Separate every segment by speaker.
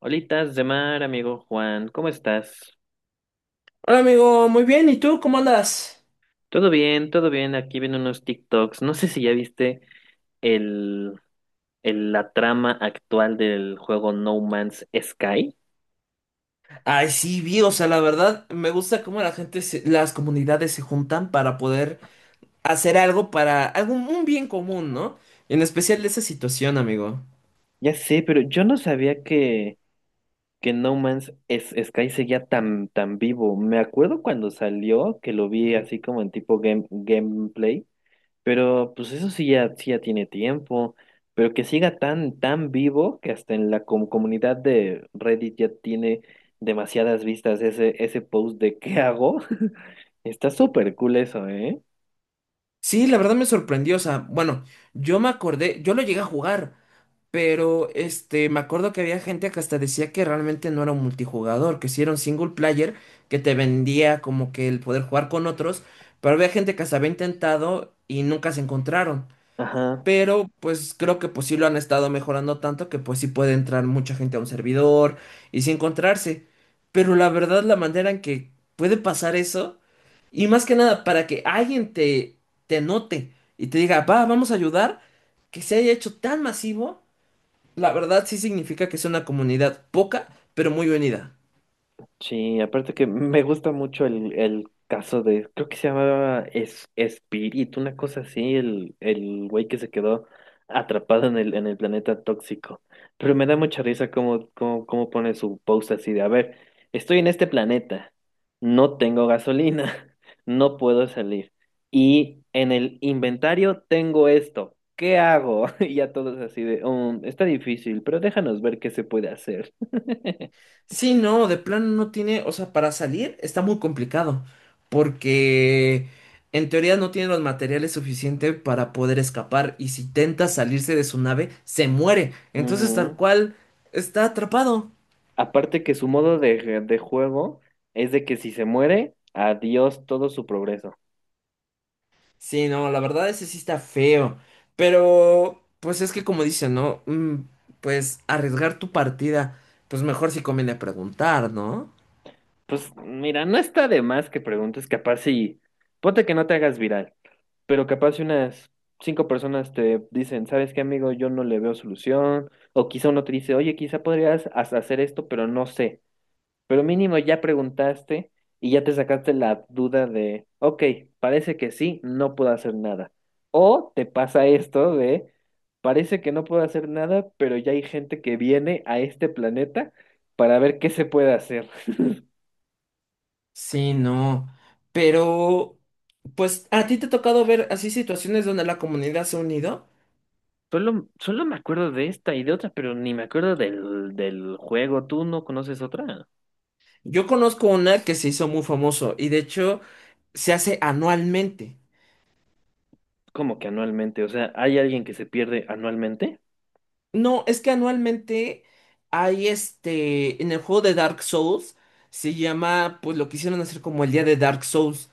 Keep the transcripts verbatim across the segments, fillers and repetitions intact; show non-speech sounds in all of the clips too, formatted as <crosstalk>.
Speaker 1: Holitas de mar, amigo Juan, ¿cómo estás?
Speaker 2: Hola amigo, muy bien, ¿y tú cómo andas?
Speaker 1: Todo bien, todo bien, aquí viendo unos TikToks. No sé si ya viste el, el- la trama actual del juego No Man's Sky.
Speaker 2: Ay, sí, vi, o sea, la verdad me gusta cómo la gente, se- las comunidades se juntan para poder hacer algo para algún un bien común, ¿no? En especial de esa situación, amigo.
Speaker 1: Ya sé, pero yo no sabía que, que No Man's S- Sky seguía tan, tan vivo. Me acuerdo cuando salió, que lo vi así como en tipo game, gameplay. Pero pues eso sí ya, sí ya tiene tiempo, pero que siga tan, tan vivo, que hasta en la com- comunidad de Reddit ya tiene demasiadas vistas ese, ese post de ¿qué hago? <laughs> Está súper cool eso, ¿eh?
Speaker 2: Sí, la verdad me sorprendió, o sea, bueno, yo me acordé, yo lo llegué a jugar, pero este, me acuerdo que había gente que hasta decía que realmente no era un multijugador, que sí era un single player que te vendía como que el poder jugar con otros, pero había gente que hasta había intentado y nunca se encontraron.
Speaker 1: Ajá.
Speaker 2: Pero pues creo que pues sí lo han estado mejorando tanto que pues sí puede entrar mucha gente a un servidor y sí encontrarse. Pero la verdad la manera en que puede pasar eso y más que nada para que alguien te, te note y te diga, va, vamos a ayudar, que se haya hecho tan masivo, la verdad sí significa que es una comunidad poca pero muy unida.
Speaker 1: Sí, aparte que me gusta mucho el, el caso de, creo que se llamaba es, Spirit, una cosa así, el, el güey que se quedó atrapado en el, en el planeta tóxico. Pero me da mucha risa cómo, cómo, cómo pone su post así de, a ver, estoy en este planeta, no tengo gasolina, <laughs> no puedo salir. Y en el inventario tengo esto, ¿qué hago? <laughs> Y ya todos así de, "Um, está difícil, pero déjanos ver qué se puede hacer." <laughs>
Speaker 2: Sí, no, de plano no tiene, o sea, para salir está muy complicado, porque en teoría no tiene los materiales suficientes para poder escapar y si intenta salirse de su nave, se muere. Entonces, tal
Speaker 1: Ujú.
Speaker 2: cual, está atrapado.
Speaker 1: Aparte que su modo de, de juego es de que si se muere, adiós todo su progreso.
Speaker 2: Sí, no, la verdad ese sí está feo, pero pues es que como dicen, ¿no? Mm, pues arriesgar tu partida, pues mejor si conviene preguntar, ¿no?
Speaker 1: Pues mira, no está de más que preguntes, capaz si, ponte que no te hagas viral, pero capaz si unas cinco personas te dicen, ¿sabes qué, amigo? Yo no le veo solución, o quizá uno te dice, oye, quizá podrías hasta hacer esto, pero no sé. Pero mínimo ya preguntaste y ya te sacaste la duda de, ok, parece que sí, no puedo hacer nada. O te pasa esto de, parece que no puedo hacer nada, pero ya hay gente que viene a este planeta para ver qué se puede hacer.
Speaker 2: Sí, no. Pero, pues, ¿a ti te ha tocado ver así situaciones donde la comunidad se ha unido?
Speaker 1: Solo, solo me acuerdo de esta y de otra, pero ni me acuerdo del, del juego. ¿Tú no conoces otra?
Speaker 2: Yo conozco una que se hizo muy famoso y de hecho se hace anualmente.
Speaker 1: ¿Cómo que anualmente? O sea, ¿hay alguien que se pierde anualmente?
Speaker 2: No, es que anualmente hay este, en el juego de Dark Souls se llama, pues lo quisieron hacer como el día de Dark Souls.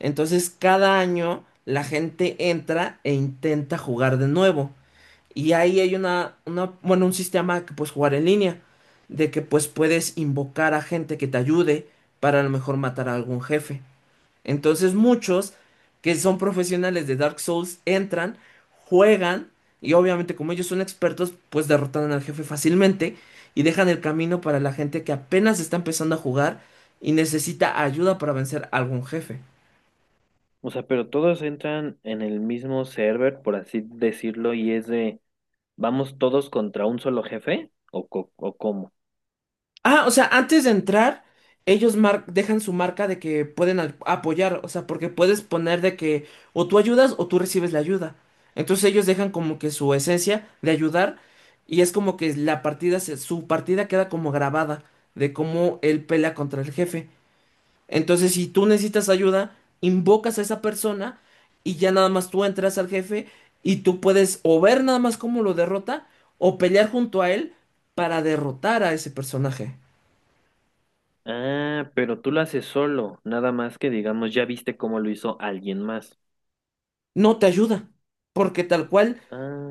Speaker 2: Entonces, cada año la gente entra e intenta jugar de nuevo. Y ahí hay una, una, bueno, un sistema que puedes jugar en línea, de que pues puedes invocar a gente que te ayude para a lo mejor matar a algún jefe. Entonces muchos que son profesionales de Dark Souls entran, juegan y obviamente como ellos son expertos, pues derrotan al jefe fácilmente y dejan el camino para la gente que apenas está empezando a jugar y necesita ayuda para vencer a algún jefe.
Speaker 1: O sea, pero todos entran en el mismo server, por así decirlo, y es de... ¿Vamos todos contra un solo jefe? ¿O, co- o cómo?
Speaker 2: Ah, o sea, antes de entrar, ellos mar- dejan su marca de que pueden al- apoyar, o sea, porque puedes poner de que o tú ayudas o tú recibes la ayuda. Entonces ellos dejan como que su esencia de ayudar y es como que la partida, se- su partida queda como grabada de cómo él pelea contra el jefe. Entonces, si tú necesitas ayuda, invocas a esa persona y ya nada más tú entras al jefe y tú puedes o ver nada más cómo lo derrota o pelear junto a él para derrotar a ese personaje.
Speaker 1: Ah, pero tú lo haces solo, nada más que digamos, ya viste cómo lo hizo alguien más.
Speaker 2: No te ayuda, porque tal cual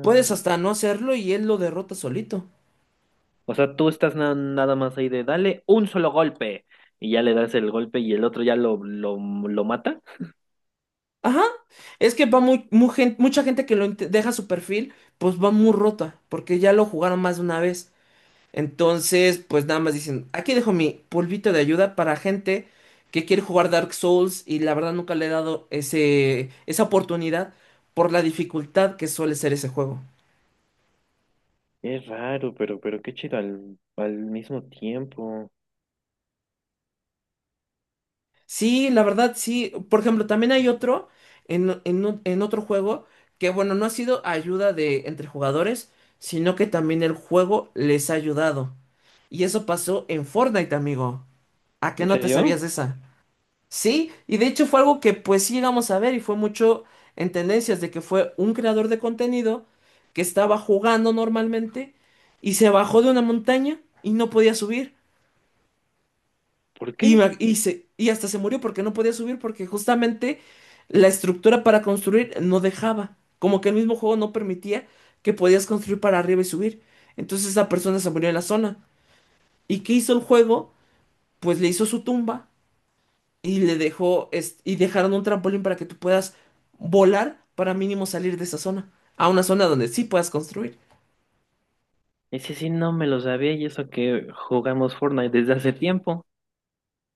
Speaker 2: puedes hasta no hacerlo y él lo derrota solito.
Speaker 1: o sea, tú estás na- nada más ahí de dale un solo golpe y ya le das el golpe y el otro ya lo, lo, lo mata.
Speaker 2: Ajá, es que va muy, mu- gen- mucha gente que lo int- deja su perfil, pues va muy rota, porque ya lo jugaron más de una vez. Entonces, pues nada más dicen, aquí dejo mi polvito de ayuda para gente que quiere jugar Dark Souls y la verdad nunca le he dado ese, esa oportunidad por la dificultad que suele ser ese juego.
Speaker 1: Es raro, pero, pero qué chido al, al mismo tiempo.
Speaker 2: Sí, la verdad, sí. Por ejemplo, también hay otro en, en o- en otro juego que, bueno, no ha sido ayuda de entre jugadores, sino que también el juego les ha ayudado. Y eso pasó en Fortnite, amigo. ¿A qué
Speaker 1: ¿En
Speaker 2: no te sabías
Speaker 1: serio?
Speaker 2: de esa? Sí, y de hecho fue algo que pues sí llegamos a ver y fue mucho en tendencias de que fue un creador de contenido que estaba jugando normalmente y se bajó de una montaña y no podía subir.
Speaker 1: ¿Por
Speaker 2: Y,
Speaker 1: qué?
Speaker 2: ma- y, se- y hasta se murió porque no podía subir porque justamente la estructura para construir no dejaba. Como que el mismo juego no permitía que podías construir para arriba y subir. Entonces esa persona se murió en la zona. ¿Y qué hizo el juego? Pues le hizo su tumba y le dejó es- y dejaron un trampolín para que tú puedas volar para mínimo salir de esa zona. A una zona donde sí puedas construir.
Speaker 1: Ese sí no me lo sabía, y eso que jugamos Fortnite desde hace tiempo.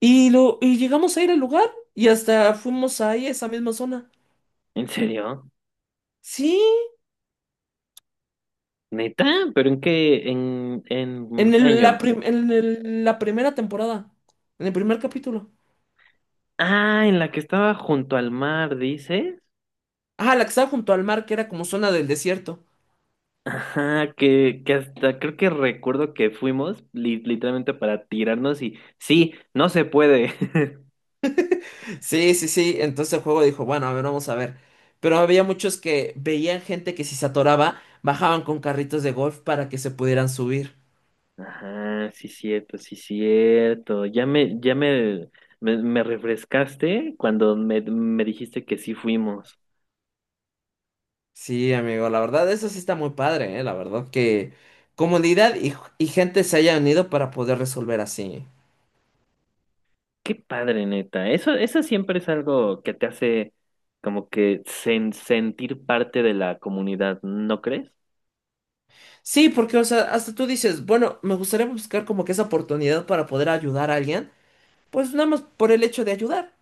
Speaker 2: Y lo, y llegamos a ir al lugar y hasta fuimos ahí a esa misma zona.
Speaker 1: ¿En serio?
Speaker 2: Sí.
Speaker 1: ¿Neta? ¿Pero en qué, en, en
Speaker 2: En
Speaker 1: qué
Speaker 2: el- la,
Speaker 1: año?
Speaker 2: prim- en el- la primera temporada, en el primer capítulo.
Speaker 1: Ah, en la que estaba junto al mar, dices.
Speaker 2: Ah, la que estaba junto al mar, que era como zona del desierto.
Speaker 1: Ajá, que, que hasta creo que recuerdo que fuimos li- literalmente para tirarnos y sí, no se puede. <laughs>
Speaker 2: Sí, sí, sí. Entonces el juego dijo, bueno, a ver, vamos a ver. Pero había muchos que veían gente que si se atoraba, bajaban con carritos de golf para que se pudieran subir.
Speaker 1: Ajá, sí cierto, sí cierto. Ya me, ya me, me, me refrescaste cuando me, me dijiste que sí fuimos.
Speaker 2: Sí, amigo, la verdad, eso sí está muy padre, ¿eh? La verdad que comunidad y, y gente se hayan unido para poder resolver así.
Speaker 1: Qué padre, neta. Eso, eso siempre es algo que te hace como que sen- sentir parte de la comunidad, ¿no crees?
Speaker 2: Sí, porque, o sea, hasta tú dices, bueno, me gustaría buscar como que esa oportunidad para poder ayudar a alguien. Pues nada más por el hecho de ayudar.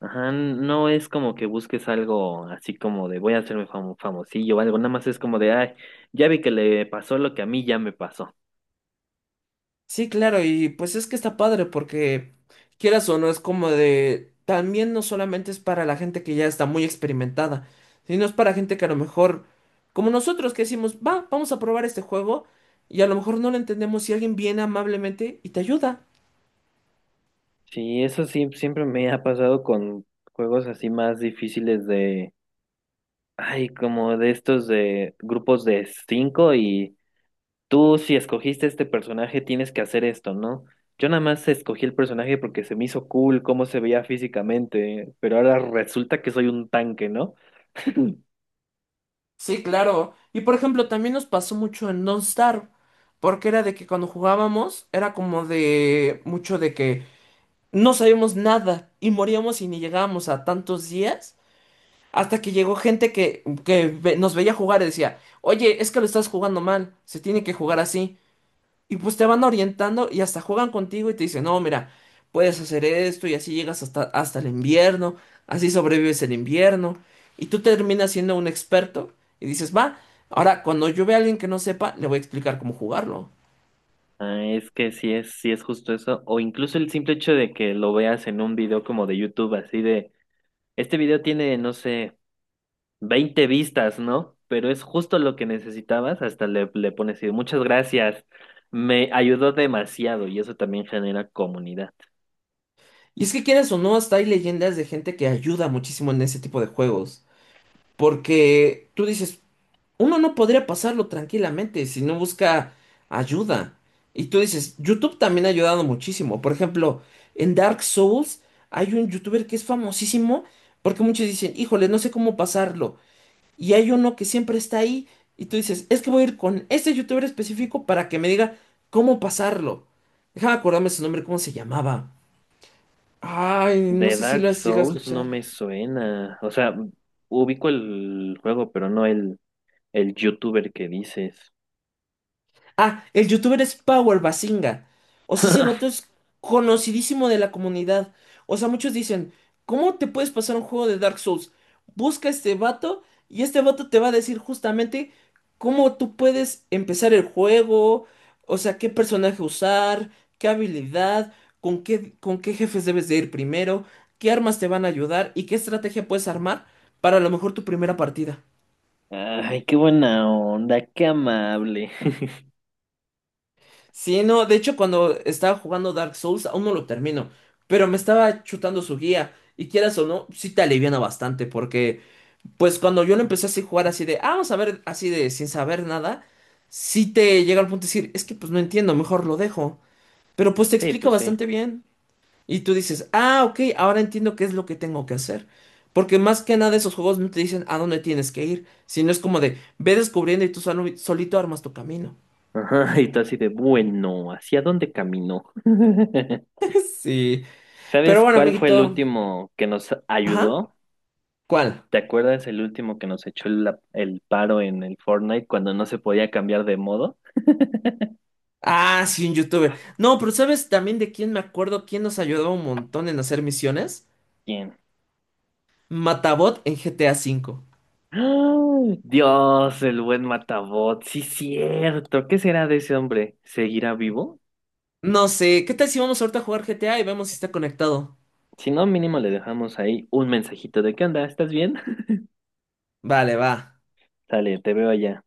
Speaker 1: Ajá, no es como que busques algo así como de voy a hacerme famo- famosillo o algo, nada más es como de, ay, ya vi que le pasó lo que a mí ya me pasó.
Speaker 2: Sí, claro, y pues es que está padre porque quieras o no, es como de, también no solamente es para la gente que ya está muy experimentada, sino es para gente que a lo mejor, como nosotros que decimos, va, vamos a probar este juego y a lo mejor no lo entendemos y alguien viene amablemente y te ayuda.
Speaker 1: Sí, eso sí, siempre me ha pasado con juegos así más difíciles de, ay, como de estos de grupos de cinco y... Tú, si escogiste este personaje, tienes que hacer esto, ¿no? Yo nada más escogí el personaje porque se me hizo cool cómo se veía físicamente, pero ahora resulta que soy un tanque, ¿no?
Speaker 2: Sí, claro. Y por ejemplo, también nos pasó mucho en Don't Starve, porque era de que cuando jugábamos era como de mucho de que no sabíamos nada y moríamos y ni llegábamos a tantos días. Hasta que llegó gente que, que ve- nos veía jugar y decía, oye, es que lo estás jugando mal, se tiene que jugar así. Y pues te van orientando y hasta juegan contigo y te dicen, no, mira, puedes hacer esto y así llegas hasta, hasta el invierno, así sobrevives el invierno. Y tú terminas siendo un experto y dices, va, ahora cuando yo vea a alguien que no sepa, le voy a explicar cómo jugarlo.
Speaker 1: Ah, es que sí es, sí es justo eso. O incluso el simple hecho de que lo veas en un video como de YouTube, así de, este video tiene, no sé, veinte vistas, ¿no? Pero es justo lo que necesitabas, hasta le, le pones, así, muchas gracias, me ayudó demasiado, y eso también genera comunidad.
Speaker 2: Y es que quieras o no, hasta hay leyendas de gente que ayuda muchísimo en ese tipo de juegos. Porque tú dices, uno no podría pasarlo tranquilamente si no busca ayuda. Y tú dices, YouTube también ha ayudado muchísimo. Por ejemplo, en Dark Souls hay un youtuber que es famosísimo porque muchos dicen, híjole, no sé cómo pasarlo. Y hay uno que siempre está ahí y tú dices, es que voy a ir con este youtuber específico para que me diga cómo pasarlo. Déjame acordarme su nombre, cómo se llamaba. Ay, no
Speaker 1: De
Speaker 2: sé si lo
Speaker 1: Dark
Speaker 2: has llegado a
Speaker 1: Souls no
Speaker 2: escuchar.
Speaker 1: me suena. O sea, ubico el juego, pero no el, el youtuber que dices.
Speaker 2: Ah, el youtuber es Power Basinga. O sea, ese vato es conocidísimo de la comunidad. O sea, muchos dicen, ¿cómo te puedes pasar un juego de Dark Souls? Busca a este vato y este vato te va a decir justamente cómo tú puedes empezar el juego, o sea, qué personaje usar, qué habilidad, con qué, con qué jefes debes de ir primero, qué armas te van a ayudar y qué estrategia puedes armar para a lo mejor tu primera partida.
Speaker 1: Ay, qué buena onda, qué amable. <laughs>
Speaker 2: Sí, no, de hecho cuando estaba jugando Dark Souls aún no lo termino, pero me estaba chutando su guía y quieras o no, sí te aliviana bastante porque pues cuando yo lo empecé así a jugar así de, ah, vamos a ver así de sin saber nada, sí te llega al punto de decir, es que pues no entiendo, mejor lo dejo, pero pues te
Speaker 1: Sí,
Speaker 2: explica
Speaker 1: pues sí.
Speaker 2: bastante bien y tú dices, ah, ok, ahora entiendo qué es lo que tengo que hacer. Porque más que nada esos juegos no te dicen a dónde tienes que ir, sino es como de ve descubriendo y tú solo- solito armas tu camino.
Speaker 1: Ajá, y tú así de bueno, ¿hacia dónde caminó? <laughs>
Speaker 2: Sí, pero
Speaker 1: ¿Sabes
Speaker 2: bueno,
Speaker 1: cuál fue el
Speaker 2: amiguito.
Speaker 1: último que nos
Speaker 2: Ajá.
Speaker 1: ayudó?
Speaker 2: ¿Cuál?
Speaker 1: ¿Te acuerdas el último que nos echó el, el paro en el Fortnite cuando no se podía cambiar de modo?
Speaker 2: Ah, sí, un youtuber. No, pero ¿sabes también de quién me acuerdo? ¿Quién nos ayudó un montón en hacer misiones?
Speaker 1: ¿Quién?
Speaker 2: Matabot en G T A cinco.
Speaker 1: ¡Ah! Dios, el buen Matabot, sí cierto. ¿Qué será de ese hombre? ¿Seguirá vivo?
Speaker 2: No sé, ¿qué tal si vamos ahorita a jugar G T A y vemos si está conectado?
Speaker 1: Si no, mínimo le dejamos ahí un mensajito de ¿qué onda? ¿Estás bien? <laughs>
Speaker 2: Vale, va.
Speaker 1: Sale, te veo allá.